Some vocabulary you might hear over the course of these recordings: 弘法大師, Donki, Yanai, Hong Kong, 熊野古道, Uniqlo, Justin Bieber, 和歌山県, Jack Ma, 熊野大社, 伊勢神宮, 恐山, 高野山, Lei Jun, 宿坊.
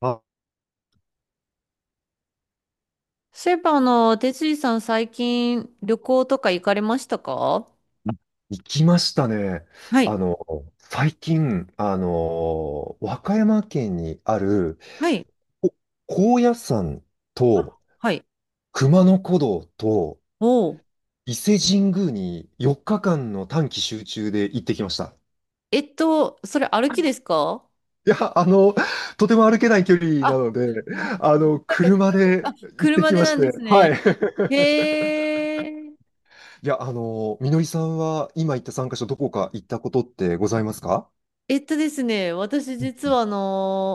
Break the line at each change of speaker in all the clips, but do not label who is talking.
あ、
そういえば、哲司さん最近旅行とか行かれましたか？
行きましたね。
は
あ
い、
の、最近、和歌山県にある、
はい、
お高野山
あ
と
はい。
熊野古道と
おう。
伊勢神宮に4日間の短期集中で行ってきました。
それ歩きですか？
いや、とても歩けない距離な
あ、
ので、
なんか、
車で
あ、
行って
車
き
で
まし
なんです
て、は
ね。
い。
へえ。
いや、みのりさんは今行った参加者、どこか行ったことってございますか？
えっとですね、私
う
実
ん、
は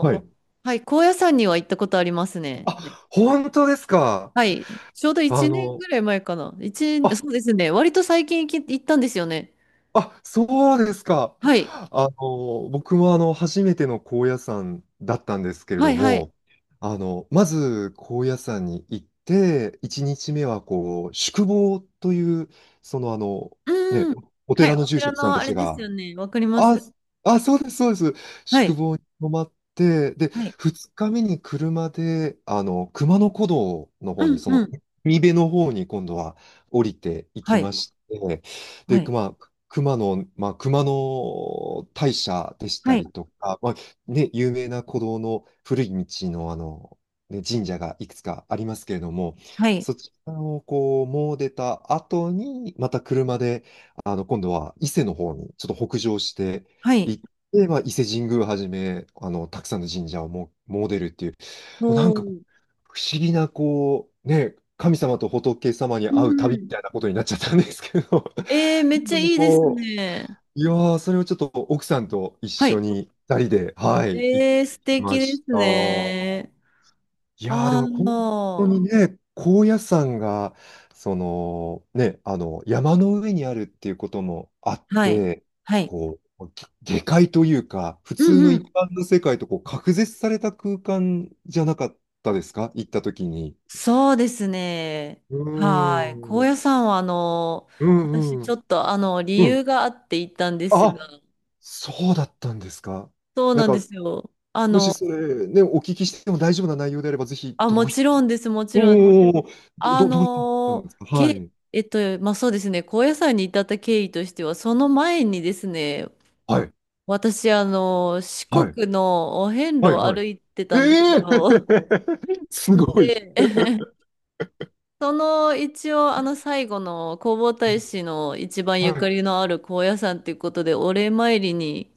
はい。
はい、高野山には行ったことありますね。
あ、本当ですか。
はい、ちょうど
あ
1年
の、
ぐらい前かな。一年
あ、
そうですね、割と最近行ったんですよね。
そうですか。
はい、
僕も初めての高野山だったんですけれ
は
ど
い、はい。
も、まず高野山に行って、1日目はこう、宿坊という、そのあの、ね、
うん。
お
はい、
寺の
お
住
寺
職さん
の
た
あれ
ち
です
が、
よね。わかりま
あ、
す。
あ、そうです、そうです。
は
宿
い。
坊に泊まって、で、
はい。
2日目に車で、熊野古道の
う
方に、
ん
そ
う
の、
ん。
海辺の方に今度は降りてい
は
き
い。
まして、
は
で、
い。
まあ、熊野、まあ、熊野大社でし
は
た
い。
りとか、まあ、ね、有名な古道の古い道の、ね、神社がいくつかありますけれども、
はい。
そちらをこう、もう出た後に、また車で、今度は伊勢の方にちょっと北上して
はい。
行って、まあ、伊勢神宮はじめ、たくさんの神社をも詣でるっていう、もうなん
お
かこ
ー。
う不思議な、こう、ね、神様と仏様に
う
会う旅み
ん。
たいなことになっちゃったんですけど、
えー、めっち
で
ゃ
も
いいです
こ
ね。
う、いやー、それをちょっと奥さんと一
は
緒
い。
に二人で、はい、行っ
えー、
て
素
きま
敵で
し
す
た。
ね。
いやーで
あ
も本当
あ。
にね、高野山が、そのね、山の上にあるっていうこともあっ
はい。
て、
はい。
こう、下界というか、普
う
通の
んう
一
ん。
般の世界とこう隔絶された空間じゃなかったですか行った時に。
そうですね。
うー
はい。
ん、う
高
ん
野山は、
う
私ちょ
ん、
っと、理
う
由
ん。
があって行ったんですが、
あ、そうだったんですか。
そう
なん
なんで
か、
すよ。
もしそれね、お聞きしても大丈夫な内容であれば、ぜひ、
あ、もちろんです、もちろん。
おー
あ
どういったん
の
で
ー、
すか？は
け、
い。
まあ、そうですね、高野山に至った経緯としては、その前にですね、
はい。
私、四
はい。
国のお遍路
はい、
を
はい。
歩いて
え
たんです
え。
よ。
すごい。
で、その一応、最後の弘法大師の一番ゆ
は
か
い。
りのある高野山ということで、お礼参りに、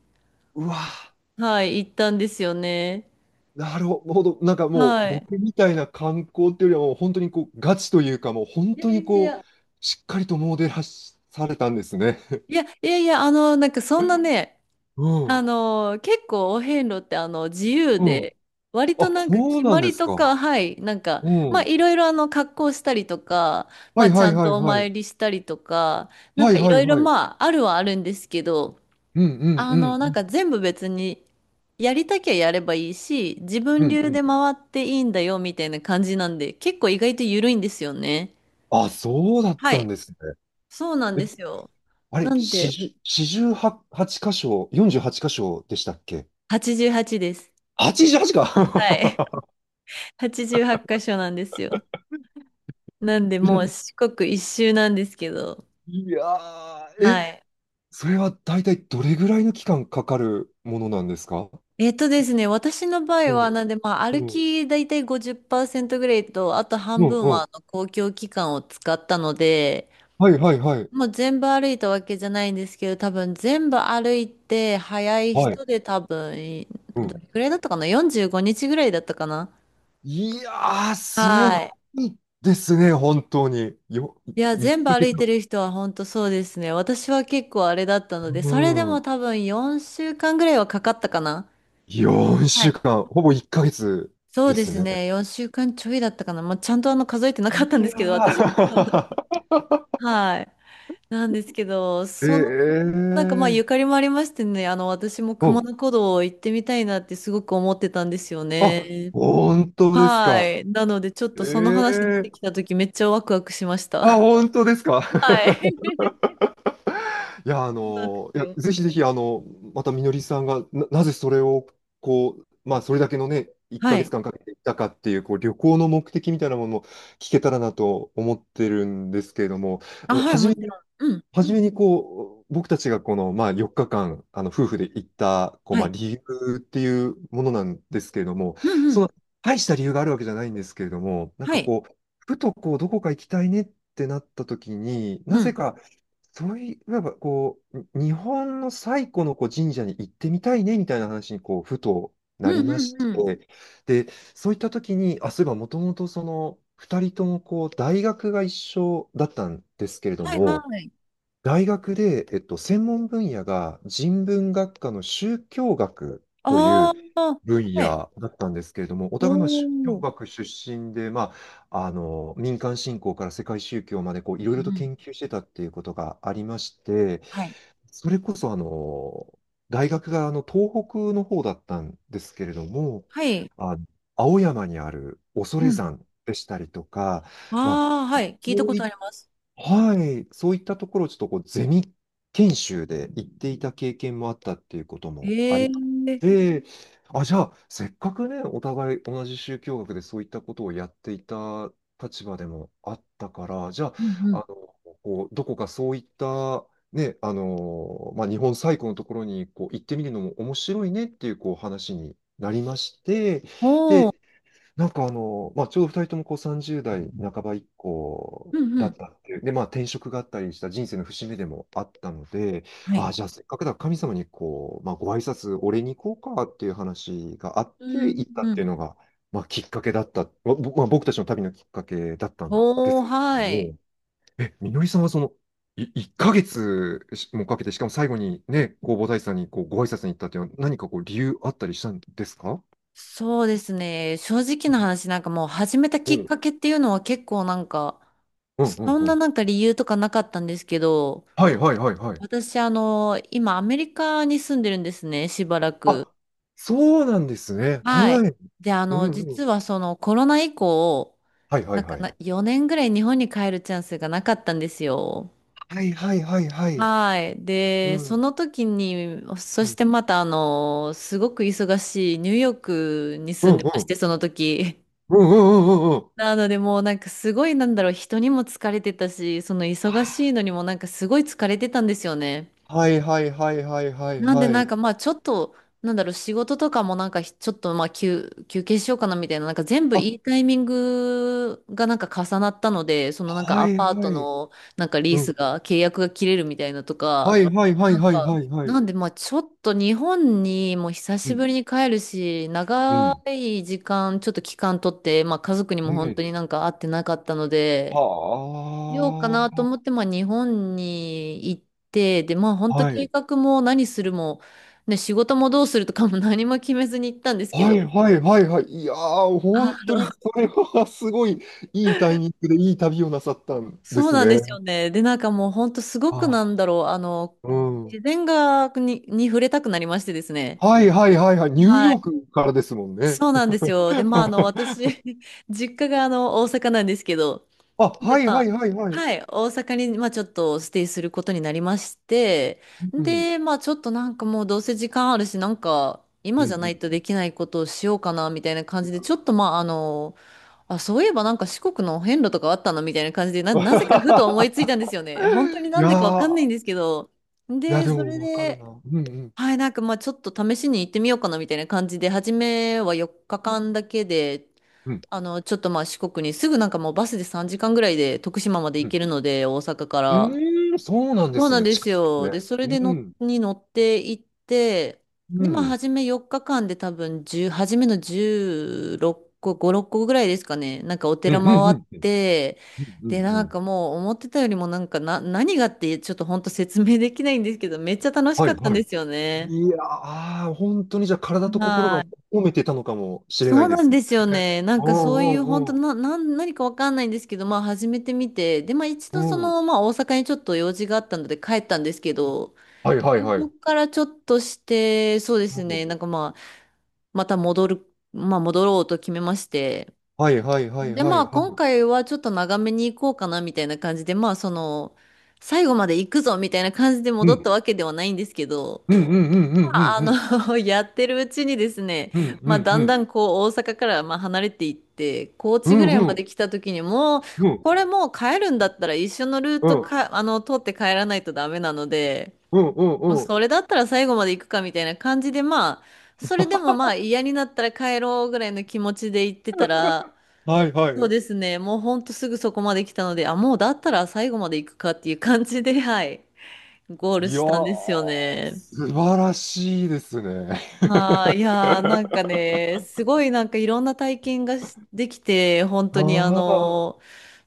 うわぁ、
はい、行ったんですよね。
なるほど。なんかもう、
はい。
僕みたいな観光っていうよりは、もう本当にこう、ガチというか、もう本
いや
当
い
に
やい
こう、
や、
しっかりとモデルされたんですね。
いやいやいや、なんかそんなね、
うん。
結構お遍路って自由
うん。
で、割と
あ、
なんか
そう
決
なん
ま
で
り
す
と
か。
か、はい、なんか、
う
まあ
ん。
いろいろ格好したりとか、ま
はい
あち
は
ゃ
い
ん
は
と
い
お
はい。
参りしたりとか、なん
は
か
い
い
は
ろ
い
いろ
はい。
まああるはあるんですけど、
うんうん
なん
うん
か全部別にやりたきゃやればいいし、自
う
分
ん
流
うん。
で回っていいんだよみたいな感じなんで、結構意外と緩いんですよね。
あ、そうだっ
は
た
い、
んですね。
そうなん
え、
ですよ。
あれ、
なん
四
で、
十、四十八箇所、四十八箇所でしたっけ？
88です。
88
はい、
か。
88箇所なんですよ。なんで、もう 四国一周なんですけど。
いやー、
は
え、
い。
それは大体どれぐらいの期間かかるものなんですか？
えっとですね、私の場
う
合は、
ん、
なんで、まあ、歩
うん、
きだいたい50%ぐらいと、あと
う
半
ん、
分
う
は
ん。
あの公共機関を使ったので、
はいはいはい。
もう全部歩いたわけじゃないんですけど、多分全部歩いて、早い
はい。
人で多分、
う
ど
ん。
れくらいだったかな？ 45 日ぐらいだったかな。
いやー、すご
はい。
いですね、本当に。
いや、
い
全部
ヶ
歩
月。
いてる人は本当そうですね。私は結構あれだったので、
う
それでも
ん。
多分4週間ぐらいはかかったかな。は
4週
い、
間、ほぼ1ヶ月
そう
で
で
す
す
ね。
ね。4週間ちょいだったかな。まあ、ちゃんと数えてなかっ
い
たんで
や
すけど、私。
ー。
はい。なんですけど、その、
ええ
なんかまあゆか
ー。
りもありましてね、私も
う
熊
ん。
野古道行ってみたいなってすごく思ってたんですよ
あ、
ね。
本当です
は
か。
い。なのでちょっ
え
とその話出て
え、
きた時めっちゃワクワクしまし
あ、
た。
本当ですか。
はい。
いや、
そうなんで
い
す
や、
よ。
ぜひぜひ、またみのりさんがな、なぜそれを、こう、まあ、それだけのね、1
は
ヶ月
い。
間かんかけていったかっていう、こう、旅行の目的みたいなものを聞けたらなと思ってるんですけれども、
あ、
うん、
はい、
初
も
め
ち
に、
ろん。うん。
初めに、こう、僕たちがこの、まあ、4日間、夫婦で行った、こう、
は
まあ、
い。
理由っていうものなんですけれども、
うんう
そ
ん。
の、大した理由があるわけじゃないんですけれども、なん
は
か
い。
こう、ふとこう、どこか行きたいねってなった時に、な
う
ぜ
ん。
か、そういう、なんかこう、日本の最古のこう神社に行ってみたいねみたいな話にこうふと
う
なりまし
んうんうん。
て、で、そういった時に、あ、そういえばもともとその2人ともこう大学が一緒だったんですけれど
はいは
も、
い。
大学で、専門分野が人文学科の宗教学とい
あ
う
あ、
分
はい。
野だったんですけれども、お互いの
お
宗
ー。
教
うん
学出身で、まあ、民間信仰から世界宗教までこういろ
う
いろと
ん。
研究してたっていうことがありまして、
はい。
それこそ大学が東北の方だったんですけれども、
はい。
あの青山にある恐
うん。
山でしたりとか、まあ、
ああ、はい。聞
こ
いたこ
うい
とあ
っ
ります。
はい、そういったところをちょっとこうゼミ研修で行っていた経験もあったっていうこともあり、
ええ、
で、あ、じゃあ、せっかくね、お互い同じ宗教学でそういったことをやっていた立場でもあったから、じゃ
うんう
あ、
ん。
こう、どこかそういった、ね、まあ、日本最古のところにこう行ってみるのも面白いねっていうこう話になりまして、
おお。
で、まあ、ちょうど2人ともこう30代半ば以降
うんう
だっ
ん。
たっていう、で、まあ、転職があったりした人生の節目でもあったので、
は
あ
い。
あ、じゃあせっかくだ、神様にこう、まあ、ご挨拶、お礼に行こうかっていう話があっ
う
て、
ん
行ったっ
う
ていう
ん。
のが、まあ、きっかけだった、まあ僕たちの旅のきっかけだったんで
おお、
すけれ
は
ど
い。
も、え、みのりさんはその、1ヶ月もかけて、しかも最後にね、弘法大師さんにこうご挨拶に行ったっていうのは、何かこう理由あったりしたんですか？
そうですね。正直な話、なんかもう始めたき
うん、う
っ
ん、
かけっていうのは結構なんか、
うん、
そん
う
な
ん。
なんか理由とかなかったんですけど、
はいはいはいはい。
私、今アメリカに住んでるんですね、しばらく。
あ、そうなんですね。
はい。
はい。
で、
うんう
実
ん。
はそのコロナ以降、
はいは
な
い
んか
はい。
な、4年ぐらい日本に帰るチャンスがなかったんですよ。
はいはいはいはい。
はい。
う
で、そ
ん。
の時に、
う
そし
ん。
てまたすごく忙しいニューヨークに
う
住
んう
んでまし
ん。
て、その時。
うんうんうんうんうん。
なのでもうなんかすごいなんだろう、人にも疲れてたし、その
は
忙しいのにもなんかすごい疲れてたんですよね。
いはいはいはいはい
なんで
は
なん
い。
かまあちょっと、なんだろう、仕事とかもなんかひちょっとまあ休憩しようかなみたいな、なんか全部
あ、
いいタイミングがなんか重なったので、そのなんか
は
ア
い
パー
は
ト
い。
のなんかリー
う
ス
ん。
が、契約が切れるみたいなと
は
か、
いはいはい
なん
はい
か、
はいはい。
なんでまあちょっと日本にもう久
う
し
ん。
ぶりに帰るし、
う
長
ん。
い時間、ちょっと期間取って、まあ家族に
う
も本当
ん。
になんか会ってなかったので、しようかな
は
と思って、まあ、日本に行って、で、まあ、本
あ。
当
は
計
い。
画も何するも、ね、仕事もどうするとかも 何も決めずに行ったんですけ
はい
ど、
はいはいはい。いやー、
あ
本当に
の、
それはすごいいいタイミングでいい旅をなさったんで
そう
す
なんですよ
ね。
ね。で、なんかもう本当すごく
あ、
なんだろう、
うん。
自然に触れたくなりましてですね。
はいはいはいはい。ニュー
は
ヨー
い。
クからですもんね。
そうなんです よ。で、まあ、私、実家が大阪なんですけど、
あ、
で、
はい
ま
は
あ、
いはいはい。
はい、大阪に、まあ、ちょっとステイすることになりまして、
うん。
で、まあ、ちょっとなんかもうどうせ時間あるし、なんか、
うん
今じゃないと
うん。
できないことをしようかな、みたいな感じで、ちょっとまあ、あ、そういえばなんか四国の遍路とかあったのみたいな感じで、なぜかふと 思いついたんですよね。本当に
い
なん
や
でかわかんないん
ー、
ですけど。
いや
で、
で
それ
もわかるな。
で、
うんうん。
はい、なんかまあちょっと試しに行ってみようかなみたいな感じで、初めは4日間だけで、
うん。
ちょっとまあ四国にすぐなんかもうバスで3時間ぐらいで徳島まで
う
行
ん。
けるので、大阪か
う
ら。
ーん、そうなんで
そう
す
なん
ね。
で
近
す
いです
よ。
ね。
で、それ
う
での、
ん。
に乗って行って、
う
で、まあ
ん。
初め4日間で多分10、初めの16個、5、6個ぐらいですかね。なんかお
うん
寺
うん
回
う
っ
ん。
て、
うんう
で、
んう
なん
ん。
かもう思ってたよりもなんかな、何がってちょっと本当説明できないんですけど、めっちゃ楽し
は
か
い
ったん
は
で
い。
すよね。
いやー、本当にじゃあ体と心
は
が
い。
褒めてたのかもしれな
そ
い
う
で
なん
すね。
ですよね。なん
お
かそういう本
う
当
おう
な、何かわかんないんですけど、まあ始めてみて、で、まあ一
お
度そ
う。うん。
の、まあ大阪にちょっと用事があったので帰ったんですけど、
はいはい
で
は
そ
い。
こからちょっとして、そうで
う
すね、
ん。
なんかまあ、また戻る、まあ戻ろうと決めまして、
はいはいはい
で、
は
ま
い
あ
は
今
い。
回はちょっと長めに行こうかなみたいな感じで、まあその、最後まで行くぞみたいな感じで
う
戻っ
ん
たわけではないんですけど、
うんうんうんうんうん
やってるうちにですね、
うんう
まあ、
んう
だ
んう
ん
ん
だんこう、大阪からまあ離れていって、高
う
知ぐ
ん
らい
う
ま
ん
で来た時にもう、
うんうん
こ
うん
れもう帰るんだったら一緒のルートか、通って帰らないとダメなので、
うん
もう
うん、
それだったら最後まで行くかみたいな感じで、まあ、それでもまあ嫌になったら帰ろうぐらいの気持ちで行ってたら、
はいは
そう
い。
ですね、もうほんとすぐそこまで来たので、あ、もうだったら最後まで行くかっていう感じで、はい、ゴール
いや
したん
ー、
ですよね。
素晴らしいですね。
はあ、いやー、なんか ね、すごいなんかいろんな体験ができて、本当にあ
ああ、
のー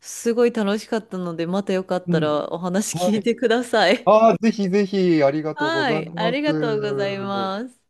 すごい楽しかったので、またよかっ
う
た
ん。
らお話
は
聞い
い。
てください。
ああ、ぜひぜひ、あ りがとうご
は
ざい
い、あ
ます。
りがとうございます。